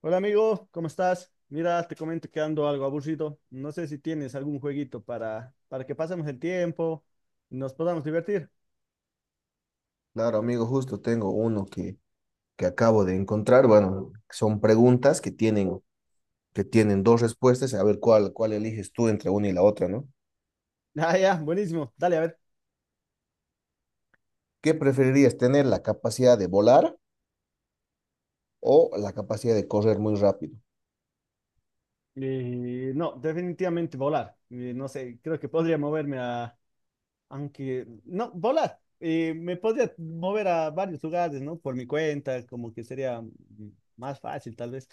Hola amigo, ¿cómo estás? Mira, te comento que ando algo aburrido. No sé si tienes algún jueguito para que pasemos el tiempo y nos podamos divertir. Claro, amigo, justo tengo que acabo de encontrar. Bueno, son preguntas que tienen dos respuestas, a ver cuál eliges tú entre una y la otra, ¿no? Ah, ya, buenísimo. Dale, a ver. ¿Qué preferirías tener, la capacidad de volar o la capacidad de correr muy rápido? No, definitivamente volar. No sé, creo que podría moverme a... Aunque... No, volar. Me podría mover a varios lugares, ¿no? Por mi cuenta, como que sería más fácil tal vez.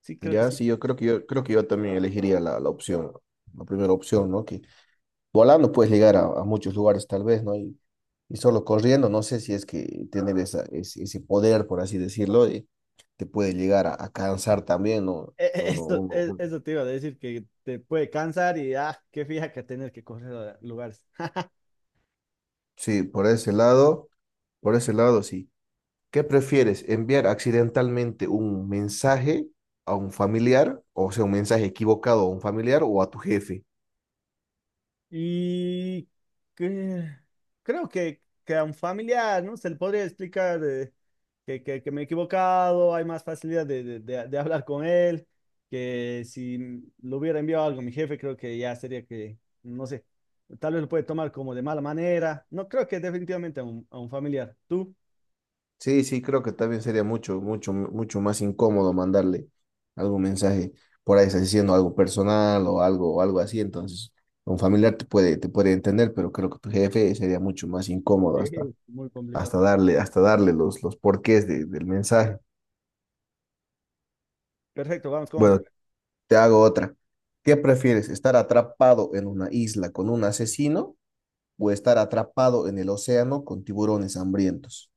Sí, creo que Ya, sí. sí, yo creo que yo también elegiría la opción, la primera opción, ¿no? Que volando puedes llegar a muchos lugares tal vez, ¿no? Y solo corriendo, no sé si es que tener ese poder, por así decirlo, te puede llegar a cansar también, ¿no? No, no, Eso, uno, uno. eso te iba a decir, que te puede cansar y, ah, qué fija que tener que correr a lugares. Sí, por ese lado, sí. ¿Qué prefieres? ¿Enviar accidentalmente un mensaje a un familiar, o sea, un mensaje equivocado a un familiar o a tu jefe? Y que- Creo que a un familiar, ¿no? Se le podría explicar que me he equivocado, hay más facilidad de hablar con él, que si le hubiera enviado algo a mi jefe, creo que ya sería que, no sé, tal vez lo puede tomar como de mala manera. No, creo que definitivamente a a un familiar. ¿Tú? Sí, sí, creo que también sería mucho, mucho, mucho más incómodo mandarle algún mensaje por ahí, está diciendo algo personal o algo así. Entonces, un familiar te puede entender, pero creo que tu jefe sería mucho más incómodo Sí, hasta, muy complicado. Hasta darle los porqués de- del mensaje. Perfecto, vamos con Bueno, otra. te hago otra. ¿Qué prefieres, estar atrapado en una isla con un asesino o estar atrapado en el océano con tiburones hambrientos?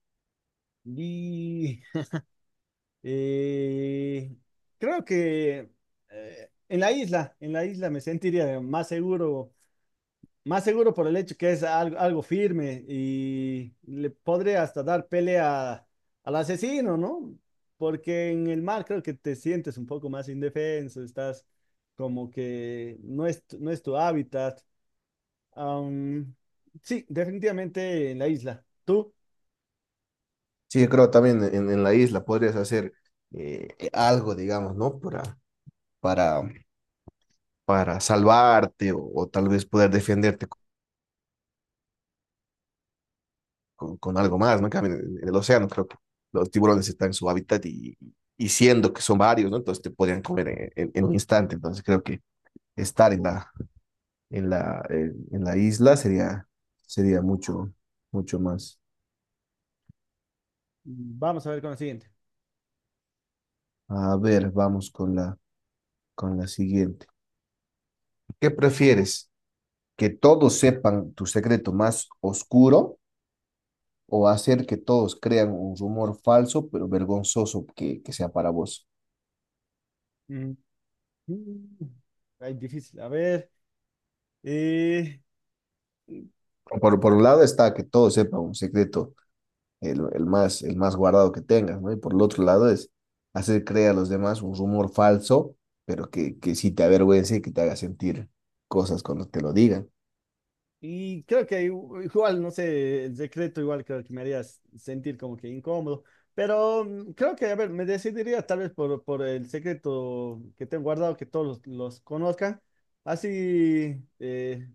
Y Eh, Creo que en en la isla me sentiría más seguro por el hecho que es algo firme y le podré hasta dar pelea al asesino, ¿no? Porque en el mar creo que te sientes un poco más indefenso, estás como que no es tu hábitat. Am, sí, definitivamente en la isla. Tú, Sí, yo creo también en la isla podrías hacer algo, digamos, ¿no? Para, para salvarte o tal vez poder defenderte co- con algo más, ¿no? En cambio, el océano creo que los tiburones están en su hábitat y siendo que son varios, ¿no? Entonces te podrían comer en un instante. Entonces creo que estar en en la isla sería, sería mucho, mucho más. vamos a ver con la siguiente. A ver, vamos con con la siguiente. ¿Qué prefieres? Que todos sepan tu secreto más oscuro o hacer que todos crean un rumor falso pero vergonzoso que sea para vos. Mm, mm, Ay, difícil, a ver. Eh, Por un lado está que todos sepan un secreto, el más guardado que tengas, ¿no? Y por el otro lado es hacer creer a los demás un rumor falso, pero que sí te avergüence y que te haga sentir cosas cuando te lo digan. Creo que igual, no sé, el secreto igual creo que me haría sentir como que incómodo, pero creo que, a ver, me decidiría tal vez por el secreto que tengo guardado, que todos los conozcan, así,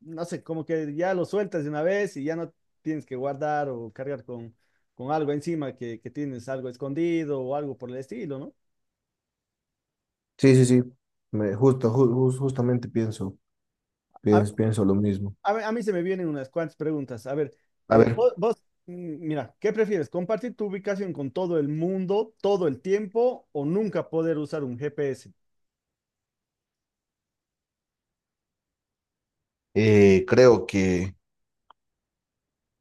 no sé, como que ya lo sueltas de una vez y ya no tienes que guardar o cargar con algo encima que tienes algo escondido o algo por el estilo, ¿no? Sí, sí, sí. Me, justo, ju- ju- justamente pienso lo mismo. Mí a mí se me vienen unas cuantas preguntas. A ver, A ver, vos, mira, ¿qué prefieres? ¿Compartir tu ubicación con todo el mundo todo el tiempo o nunca poder usar un GPS? eh, creo que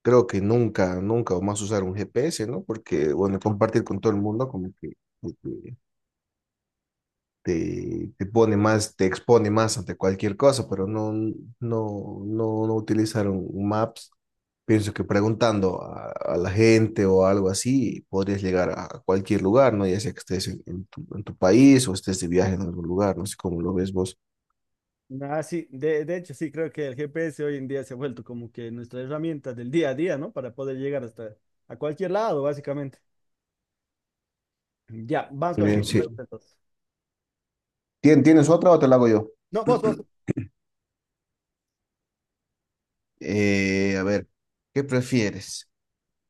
creo que nunca, nunca más usar un GPS, ¿no? Porque, bueno, compartir con todo el mundo como que te pone más, te expone más ante cualquier cosa, pero no, no, no, no utilizar un Maps. Pienso que preguntando a la gente o algo así, podrías llegar a cualquier lugar, ¿no? Ya sea que estés en tu país o estés de viaje en algún lugar, no sé cómo lo ves vos. Ah, sí, de hecho, sí, creo que el GPS hoy en día se ha vuelto como que nuestra herramienta del día a día, ¿no? Para poder llegar hasta a cualquier lado, básicamente. Ya, vamos con Muy la bien, siguiente sí. pregunta entonces. ¿Tienes otra o te la hago yo? No, vos. Eh, a ver, ¿qué prefieres?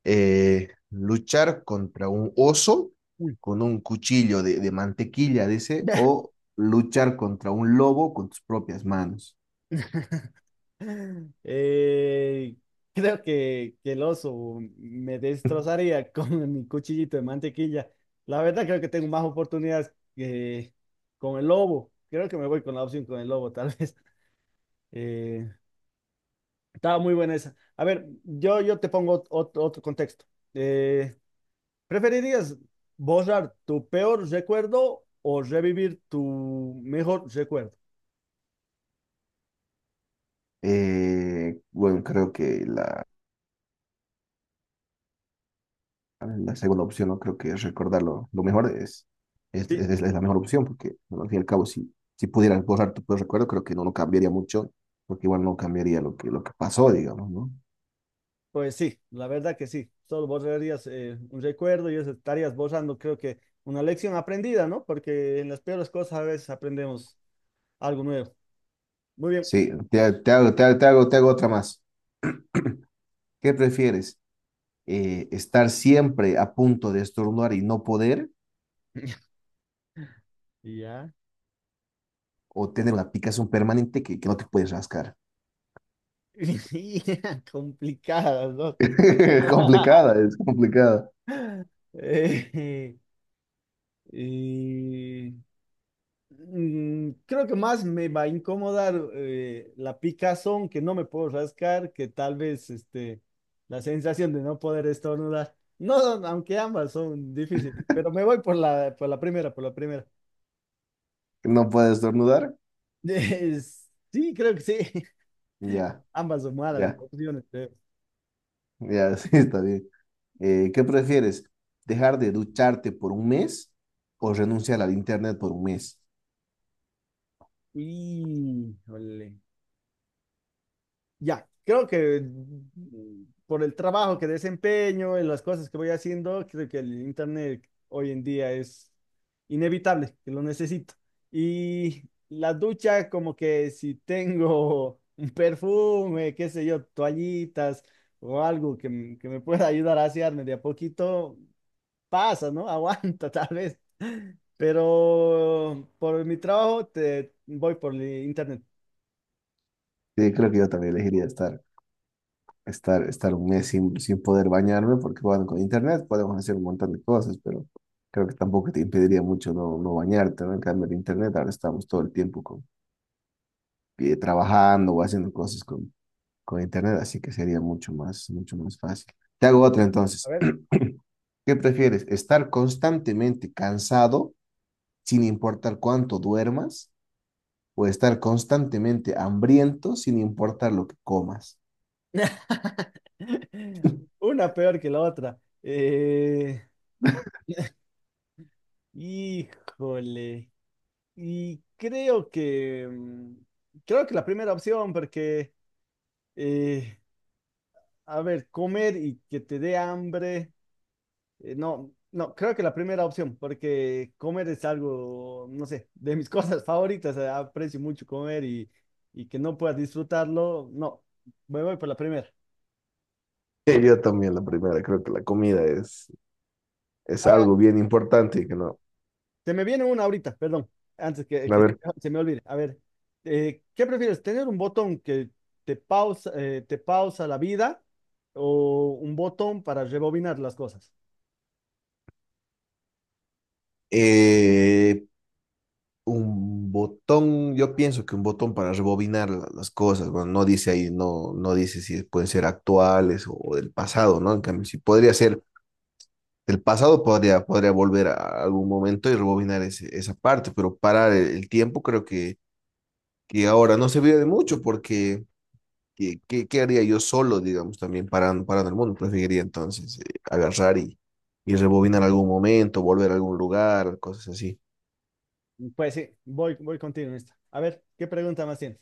Luchar contra un oso Uy. con un cuchillo de mantequilla, dice, o luchar contra un lobo con tus propias manos. Eh, Creo que el oso me destrozaría con mi cuchillito de mantequilla. La verdad creo que tengo más oportunidades que con el lobo. Creo que me voy con la opción con el lobo, tal vez. Eh, Estaba muy buena esa. A ver, yo te pongo otro contexto. Eh, ¿Preferirías borrar tu peor recuerdo o revivir tu mejor recuerdo? Bueno, creo que la segunda opción, no creo que recordarlo lo mejor es la mejor opción, porque bueno, al fin y al cabo, si, si pudieras borrar tu peor recuerdo, creo que no, lo cambiaría mucho, porque igual no cambiaría lo que pasó, digamos, ¿no? Pues sí, la verdad que sí. Solo borrarías un recuerdo y eso estarías borrando, creo que una lección aprendida, ¿no? Porque en las peores cosas a veces aprendemos algo nuevo. Muy bien. Sí, te hago otra más. ¿Qué prefieres? Estar siempre a punto de estornudar y no poder, Ya. o tener una picazón permanente que no te puedes rascar. Complicadas, ¿no? Complicada, es complicada. Eh, y Creo que más me va a incomodar la picazón que no me puedo rascar, que tal vez la sensación de no poder estornudar. No, no, aunque ambas son difíciles, pero me voy por por la primera, por la primera. No puedes estornudar. Es- sí, creo que sí. Ya, Ambas son malas ya, opciones, creo. ya, sí, está bien. ¿Qué prefieres? ¿Dejar de ducharte por un mes o renunciar al internet por un mes? Y, ya, creo que por el trabajo que desempeño, en las cosas que voy haciendo, creo que el internet hoy en día es inevitable, que lo necesito. Y la ducha, como que si tengo un perfume, qué sé yo, toallitas o algo que me pueda ayudar a asearme de a poquito, pasa, ¿no? Aguanta tal vez. Pero por mi trabajo te voy por el internet. Sí, creo que yo también elegiría estar un mes sin, sin poder bañarme, porque bueno, con internet podemos hacer un montón de cosas, pero creo que tampoco te impediría mucho no, no bañarte, ¿no? En cambio, el internet, ahora estamos todo el tiempo con, trabajando o haciendo cosas con internet, así que sería mucho más fácil. Te hago otra A entonces. ver. ¿Qué prefieres? ¿Estar constantemente cansado sin importar cuánto duermas? ¿O estar constantemente hambriento sin importar lo que comas? Una peor que la otra. Híjole. Y creo que creo que la primera opción, porque eh, a ver, comer y que te dé hambre. No, creo que la primera opción, porque comer es algo, no sé, de mis cosas favoritas. Aprecio mucho comer y que no puedas disfrutarlo. No, me voy por la primera. Yo también la primera, creo que la comida es algo bien importante que no. Se me viene una ahorita, perdón, antes A que ver, se me olvide. A ver, ¿qué prefieres? ¿Tener un botón que te pausa la vida o un botón para rebobinar las cosas? eh, un botón, yo pienso que un botón para rebobinar la- las cosas, bueno, no dice ahí, no, no dice si pueden ser actuales o del pasado, ¿no? En cambio, si podría ser del pasado, podría, podría volver a algún momento y rebobinar ese- esa parte, pero parar el tiempo creo que ahora no serviría de mucho porque ¿qué, qué, qué haría yo solo, digamos, también parando, parando el mundo? Preferiría entonces agarrar y rebobinar algún momento, volver a algún lugar, cosas así. Pues sí, voy contigo en esta. A ver, ¿qué pregunta más tienes?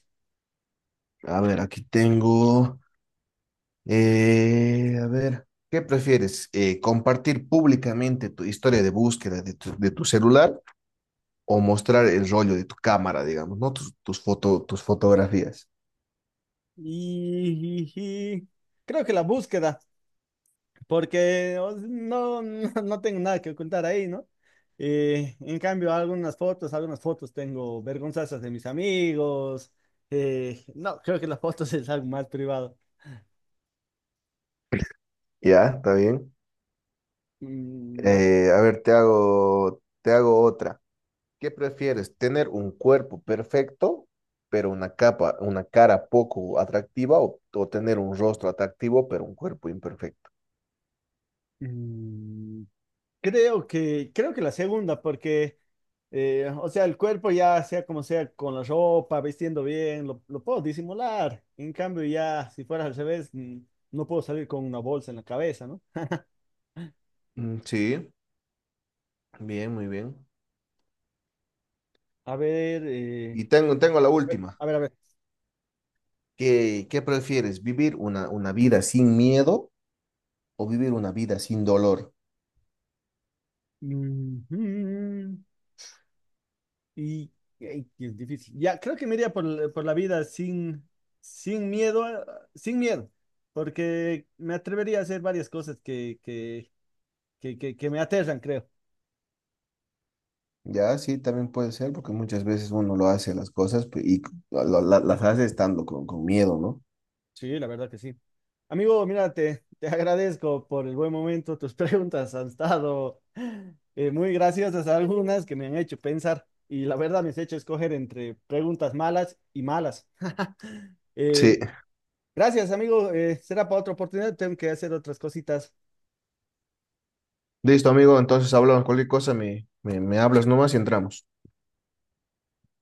A ver, aquí tengo, ¿qué prefieres? ¿Compartir públicamente tu historia de búsqueda de de tu celular o mostrar el rollo de tu cámara, digamos, ¿no? Tus fotografías. Y, y- y- Creo que la búsqueda. Porque o sea, no tengo nada que ocultar ahí, ¿no? En cambio, algunas fotos tengo vergonzosas de mis amigos. Eh, no, creo que las fotos es algo más privado. Ya, está bien. A ver, A ver, te hago otra. ¿Qué prefieres? ¿Tener un cuerpo perfecto, pero una capa, una cara poco atractiva, o tener un rostro atractivo, pero un cuerpo imperfecto? mm, creo creo que la segunda, porque, o sea, el cuerpo ya sea como sea, con la ropa, vistiendo bien, lo puedo disimular. En cambio, ya si fuera al revés, no puedo salir con una bolsa en la cabeza, ¿no? Mm, sí, bien, muy bien. A ver, Y tengo, tengo la última. a ver, a ver. ¿Qué, qué prefieres? ¿Vivir una vida sin miedo o vivir una vida sin dolor? Ujú. Y, Ay, que es difícil. Ya, creo que me iría por la vida sin, sin miedo, a- sin miedo, porque me atrevería a hacer varias cosas que me aterran, creo. Ya, sí, también puede ser, porque muchas veces uno lo hace las cosas pe- y lo- la- las hace estando con miedo, ¿no? Sí, la verdad que sí. Amigo, mira, te agradezco por el buen momento. Tus preguntas han estado muy graciosas, algunas que me han hecho pensar y la verdad me has hecho escoger entre preguntas malas y malas. Sí, Eh, gracias, amigo. Eh, será para otra oportunidad. Tengo que hacer otras cositas. listo, amigo. Entonces hablamos cualquier cosa, me hablas nomás y entramos.